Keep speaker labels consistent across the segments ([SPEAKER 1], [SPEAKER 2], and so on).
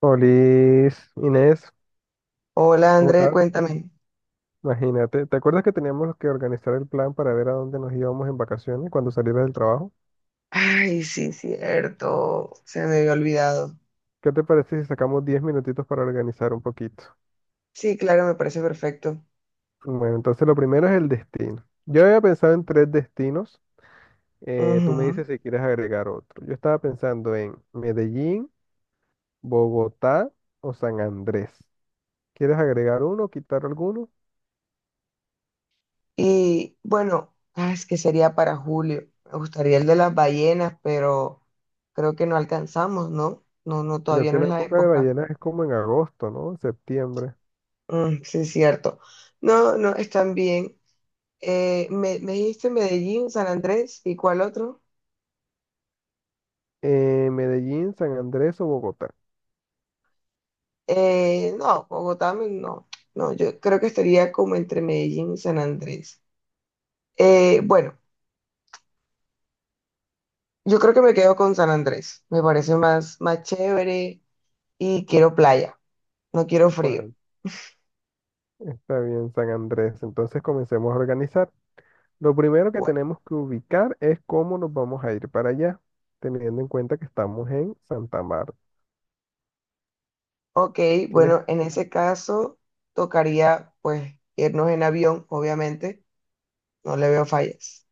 [SPEAKER 1] Olis, Inés,
[SPEAKER 2] Hola
[SPEAKER 1] ¿cómo
[SPEAKER 2] André,
[SPEAKER 1] estás?
[SPEAKER 2] cuéntame.
[SPEAKER 1] Imagínate, ¿te acuerdas que teníamos que organizar el plan para ver a dónde nos íbamos en vacaciones cuando salieras del trabajo?
[SPEAKER 2] Ay, sí, cierto. Se me había olvidado.
[SPEAKER 1] ¿Qué te parece si sacamos 10 minutitos para organizar un poquito?
[SPEAKER 2] Sí, claro, me parece perfecto.
[SPEAKER 1] Bueno, entonces lo primero es el destino. Yo había pensado en tres destinos. Tú me
[SPEAKER 2] Ujú.
[SPEAKER 1] dices si quieres agregar otro. Yo estaba pensando en Medellín, Bogotá o San Andrés. ¿Quieres agregar uno, o quitar alguno?
[SPEAKER 2] Y bueno, es que sería para julio. Me gustaría el de las ballenas, pero creo que no alcanzamos, ¿no? No, no,
[SPEAKER 1] Creo
[SPEAKER 2] todavía
[SPEAKER 1] que
[SPEAKER 2] no
[SPEAKER 1] la
[SPEAKER 2] es la
[SPEAKER 1] época de
[SPEAKER 2] época.
[SPEAKER 1] ballenas es como en agosto, ¿no? Septiembre.
[SPEAKER 2] Mm, sí, cierto. No, no, están bien. Me dijiste Medellín, San Andrés, ¿y cuál otro?
[SPEAKER 1] Medellín, San Andrés o Bogotá.
[SPEAKER 2] No, Bogotá, no. No, yo creo que estaría como entre Medellín y San Andrés. Bueno, yo creo que me quedo con San Andrés. Me parece más chévere y quiero playa, no quiero frío.
[SPEAKER 1] Bueno, está bien, San Andrés. Entonces comencemos a organizar. Lo primero que
[SPEAKER 2] Bueno,
[SPEAKER 1] tenemos que ubicar es cómo nos vamos a ir para allá, teniendo en cuenta que estamos en Santa Marta.
[SPEAKER 2] ok,
[SPEAKER 1] ¿Tienes-
[SPEAKER 2] bueno, en ese caso tocaría pues irnos en avión, obviamente, no le veo fallas.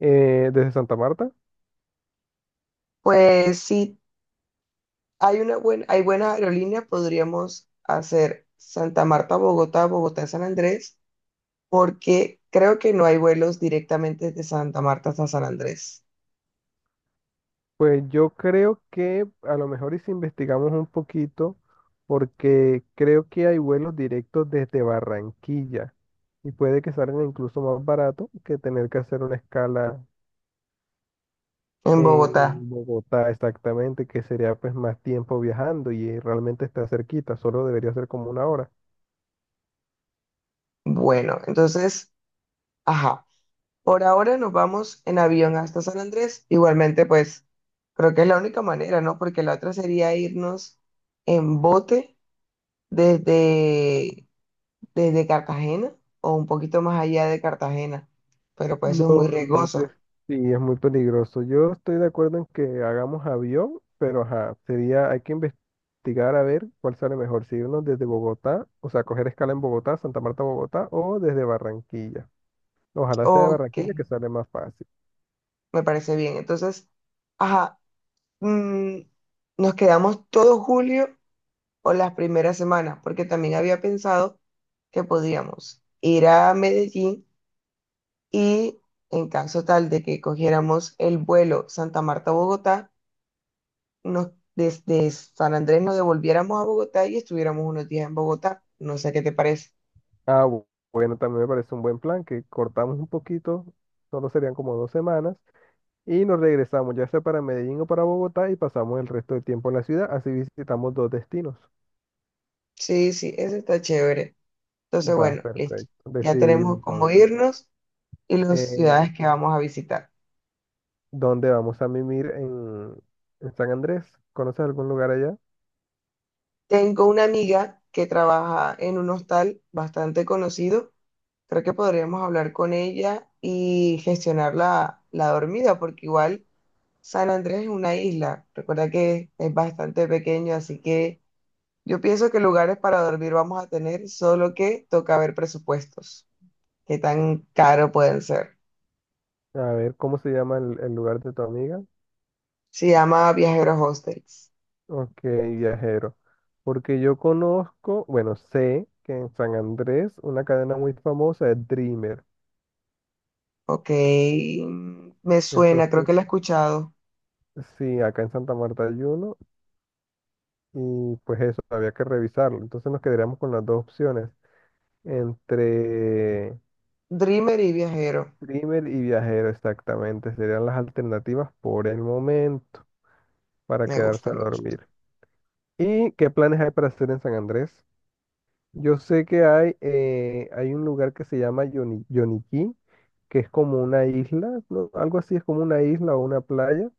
[SPEAKER 1] desde Santa Marta?
[SPEAKER 2] Pues si hay una buena, hay buena aerolínea, podríamos hacer Santa Marta, Bogotá, Bogotá, San Andrés, porque creo que no hay vuelos directamente de Santa Marta hasta San Andrés
[SPEAKER 1] Pues yo creo que a lo mejor y si investigamos un poquito, porque creo que hay vuelos directos desde Barranquilla y puede que salgan incluso más barato que tener que hacer una escala
[SPEAKER 2] en Bogotá.
[SPEAKER 1] en Bogotá, exactamente, que sería pues más tiempo viajando y realmente está cerquita, solo debería ser como una hora.
[SPEAKER 2] Bueno, entonces... Ajá. Por ahora nos vamos en avión hasta San Andrés. Igualmente, pues creo que es la única manera, ¿no? Porque la otra sería irnos en bote desde, desde Cartagena o un poquito más allá de Cartagena. Pero pues
[SPEAKER 1] No,
[SPEAKER 2] eso es muy
[SPEAKER 1] en bote
[SPEAKER 2] riesgoso.
[SPEAKER 1] sí, es muy peligroso. Yo estoy de acuerdo en que hagamos avión, pero ajá, sería, hay que investigar a ver cuál sale mejor, si irnos desde Bogotá, o sea, coger escala en Bogotá, Santa Marta, Bogotá, o desde Barranquilla. Ojalá sea de
[SPEAKER 2] Ok,
[SPEAKER 1] Barranquilla que sale más fácil.
[SPEAKER 2] me parece bien. Entonces, ajá, mm, nos quedamos todo julio o las primeras semanas, porque también había pensado que podíamos ir a Medellín. Y en caso tal de que cogiéramos el vuelo Santa Marta-Bogotá, nos, desde San Andrés nos devolviéramos a Bogotá y estuviéramos unos días en Bogotá. No sé qué te parece.
[SPEAKER 1] Ah, bueno, también me parece un buen plan, que cortamos un poquito, solo serían como 2 semanas y nos regresamos, ya sea para Medellín o para Bogotá, y pasamos el resto del tiempo en la ciudad. Así visitamos dos destinos.
[SPEAKER 2] Sí, sí, eso está chévere. Entonces,
[SPEAKER 1] Va,
[SPEAKER 2] bueno, listo.
[SPEAKER 1] perfecto.
[SPEAKER 2] Ya
[SPEAKER 1] Decidido
[SPEAKER 2] tenemos cómo
[SPEAKER 1] entonces.
[SPEAKER 2] irnos y las
[SPEAKER 1] Eh,
[SPEAKER 2] ciudades que vamos a visitar.
[SPEAKER 1] ¿Dónde vamos a mimir en, San Andrés? ¿Conoces algún lugar allá?
[SPEAKER 2] Tengo una amiga que trabaja en un hostal bastante conocido. Creo que podríamos hablar con ella y gestionar la dormida, porque igual San Andrés es una isla, recuerda que es bastante pequeño, así que yo pienso que lugares para dormir vamos a tener, solo que toca ver presupuestos, qué tan caro pueden ser.
[SPEAKER 1] A ver, ¿cómo se llama el lugar de tu amiga?
[SPEAKER 2] Se llama Viajeros Hostels.
[SPEAKER 1] Ok, viajero. Porque yo conozco, bueno, sé que en San Andrés una cadena muy famosa es Dreamer.
[SPEAKER 2] Ok, mm, me suena, creo
[SPEAKER 1] Entonces,
[SPEAKER 2] que la he escuchado.
[SPEAKER 1] sí, acá en Santa Marta hay uno, y pues eso, había que revisarlo. Entonces nos quedaríamos con las dos opciones, entre
[SPEAKER 2] Dreamer y Viajero,
[SPEAKER 1] Primer y Viajero exactamente, serían las alternativas por el momento para
[SPEAKER 2] me
[SPEAKER 1] quedarse
[SPEAKER 2] gusta,
[SPEAKER 1] a
[SPEAKER 2] me gusta.
[SPEAKER 1] dormir. ¿Y qué planes hay para hacer en San Andrés? Yo sé que hay un lugar que se llama Yoniquí, que es como una isla, ¿no? Algo así, es como una isla o una playa,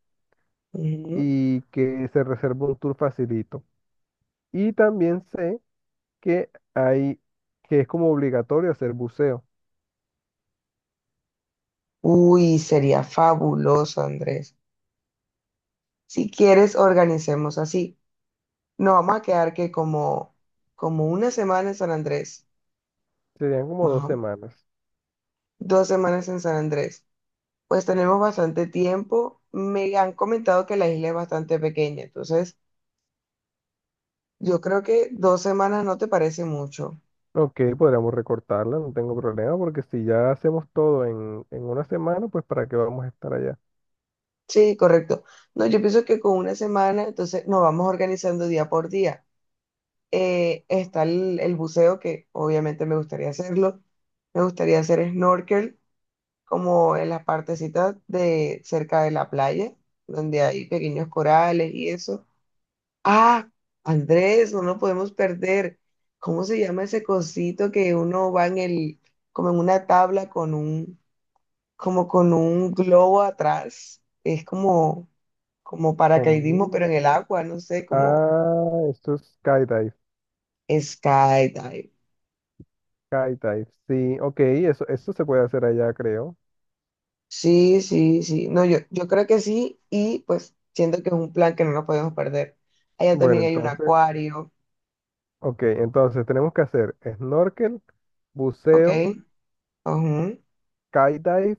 [SPEAKER 2] Ujú.
[SPEAKER 1] y que se reserva un tour facilito. Y también sé que hay, que es como obligatorio hacer buceo.
[SPEAKER 2] Uy, sería fabuloso, Andrés. Si quieres, organicemos así. Nos vamos a quedar que como una semana en San Andrés.
[SPEAKER 1] Serían como
[SPEAKER 2] Más
[SPEAKER 1] dos
[SPEAKER 2] o
[SPEAKER 1] semanas.
[SPEAKER 2] 2 semanas en San Andrés. Pues tenemos bastante tiempo. Me han comentado que la isla es bastante pequeña, entonces yo creo que 2 semanas no te parece mucho.
[SPEAKER 1] Ok, podríamos recortarla, no tengo problema, porque si ya hacemos todo en, una semana, pues ¿para qué vamos a estar allá?
[SPEAKER 2] Sí, correcto. No, yo pienso que con una semana, entonces nos vamos organizando día por día. Está el buceo, que obviamente me gustaría hacerlo. Me gustaría hacer snorkel, como en las partecitas de cerca de la playa, donde hay pequeños corales y eso. Ah, Andrés, no nos podemos perder. ¿Cómo se llama ese cosito que uno va en el, como en una tabla con un, como con un globo atrás? Es como, como paracaidismo,
[SPEAKER 1] Mm.
[SPEAKER 2] pero en el agua, no sé, como
[SPEAKER 1] Ah, esto es skydive,
[SPEAKER 2] skydive.
[SPEAKER 1] skydive, sí, ok, eso se puede hacer allá, creo.
[SPEAKER 2] Sí, sí, sí. No, yo creo que sí, y pues siento que es un plan que no nos podemos perder. Allá
[SPEAKER 1] Bueno,
[SPEAKER 2] también hay un
[SPEAKER 1] entonces,
[SPEAKER 2] acuario,
[SPEAKER 1] ok, entonces tenemos que hacer snorkel,
[SPEAKER 2] ¿ok?
[SPEAKER 1] buceo,
[SPEAKER 2] Ujú,
[SPEAKER 1] skydive,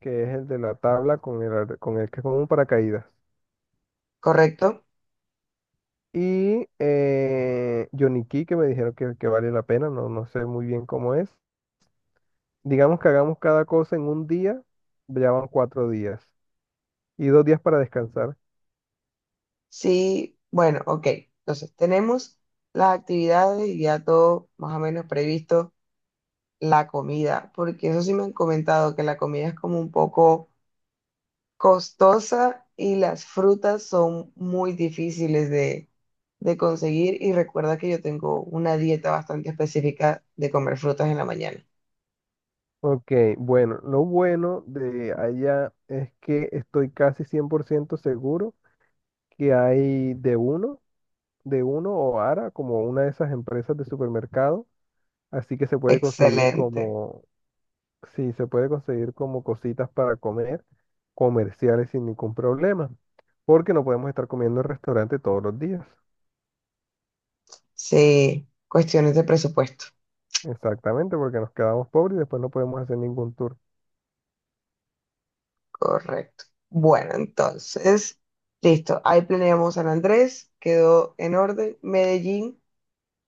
[SPEAKER 1] que es el de la tabla con el que es con un paracaídas.
[SPEAKER 2] correcto.
[SPEAKER 1] Y Johnny Key, que me dijeron que vale la pena, no, no sé muy bien cómo es. Digamos que hagamos cada cosa en un día, ya van 4 días y 2 días para descansar.
[SPEAKER 2] Sí, bueno, ok. Entonces, tenemos las actividades y ya todo más o menos previsto, la comida, porque eso sí me han comentado que la comida es como un poco costosa y las frutas son muy difíciles de conseguir y recuerda que yo tengo una dieta bastante específica de comer frutas en la mañana.
[SPEAKER 1] Ok, bueno, lo bueno de allá es que estoy casi 100% seguro que hay de uno o Ara, como una de esas empresas de supermercado, así que
[SPEAKER 2] Excelente.
[SPEAKER 1] se puede conseguir como cositas para comer comerciales sin ningún problema, porque no podemos estar comiendo en restaurante todos los días.
[SPEAKER 2] Sí, cuestiones de presupuesto.
[SPEAKER 1] Exactamente, porque nos quedamos pobres y después no podemos hacer ningún tour.
[SPEAKER 2] Correcto. Bueno, entonces, listo. Ahí planeamos San Andrés, quedó en orden. Medellín,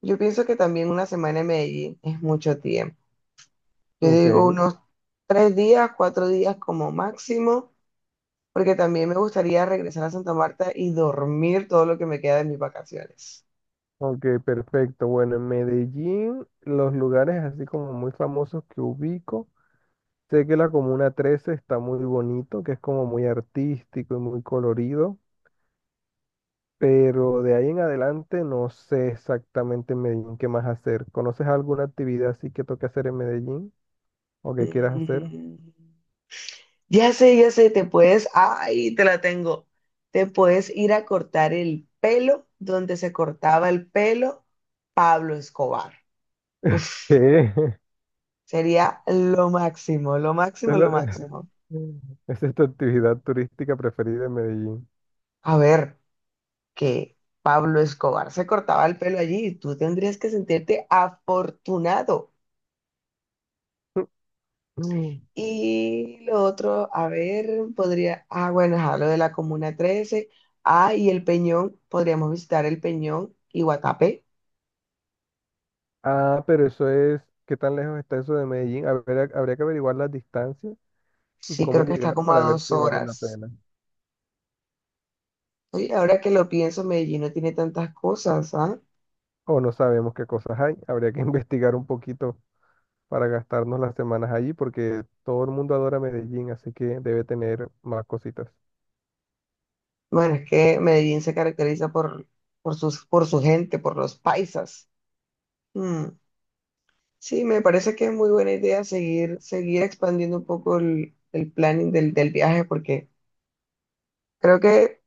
[SPEAKER 2] yo pienso que también una semana en Medellín es mucho tiempo. Yo
[SPEAKER 1] Ok,
[SPEAKER 2] digo unos 3 días, 4 días como máximo, porque también me gustaría regresar a Santa Marta y dormir todo lo que me queda de mis vacaciones.
[SPEAKER 1] ok, perfecto. Bueno, en Medellín, los lugares así como muy famosos que ubico, sé que la Comuna 13 está muy bonito, que es como muy artístico y muy colorido, pero de ahí en adelante no sé exactamente en Medellín qué más hacer. ¿Conoces alguna actividad así que toque hacer en Medellín o que quieras hacer?
[SPEAKER 2] Mm. Ya sé, te puedes, ay, te la tengo. Te puedes ir a cortar el pelo donde se cortaba el pelo Pablo Escobar. Uf,
[SPEAKER 1] ¿Qué?
[SPEAKER 2] sería lo máximo, lo máximo, lo
[SPEAKER 1] Solo-
[SPEAKER 2] máximo.
[SPEAKER 1] Esa es tu actividad turística preferida en Medellín.
[SPEAKER 2] A ver, que Pablo Escobar se cortaba el pelo allí y tú tendrías que sentirte afortunado. Y lo otro, a ver, podría, ah, bueno, ajá, lo de la Comuna 13. Ah, y el Peñón, podríamos visitar el Peñón y Guatapé.
[SPEAKER 1] Ah, pero eso es, ¿qué tan lejos está eso de Medellín? Habría que averiguar las distancias y
[SPEAKER 2] Sí,
[SPEAKER 1] cómo
[SPEAKER 2] creo que está
[SPEAKER 1] llegar
[SPEAKER 2] como a
[SPEAKER 1] para ver
[SPEAKER 2] dos
[SPEAKER 1] si vale la
[SPEAKER 2] horas.
[SPEAKER 1] pena.
[SPEAKER 2] Oye, ahora que lo pienso, Medellín no tiene tantas cosas, ¿ah?
[SPEAKER 1] O no sabemos qué cosas hay. Habría que investigar un poquito para gastarnos las semanas allí porque todo el mundo adora Medellín, así que debe tener más cositas.
[SPEAKER 2] Bueno, es que Medellín se caracteriza por su gente, por los paisas. Mm. Sí, me parece que es muy buena idea seguir expandiendo un poco el planning del viaje, porque creo que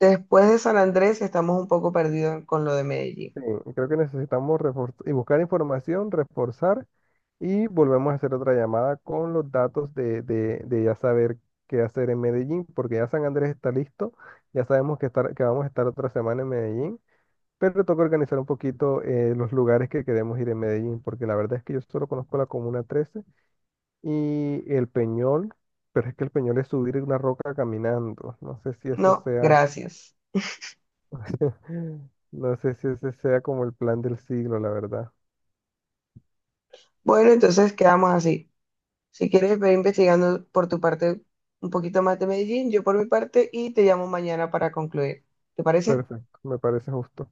[SPEAKER 2] después de San Andrés estamos un poco perdidos con lo de Medellín.
[SPEAKER 1] Sí, creo que necesitamos y buscar información, reforzar y volvemos a hacer otra llamada con los datos de ya saber qué hacer en Medellín, porque ya San Andrés está listo, ya sabemos que vamos a estar otra semana en Medellín, pero toca organizar un poquito los lugares que queremos ir en Medellín, porque la verdad es que yo solo conozco la Comuna 13 y el Peñol, pero es que el Peñol es subir una roca caminando, no sé si eso
[SPEAKER 2] No,
[SPEAKER 1] sea,
[SPEAKER 2] gracias.
[SPEAKER 1] no sé si ese sea como el plan del siglo, la verdad.
[SPEAKER 2] Bueno, entonces quedamos así. Si quieres, ve investigando por tu parte un poquito más de Medellín, yo por mi parte, y te llamo mañana para concluir. ¿Te parece?
[SPEAKER 1] Perfecto, me parece justo.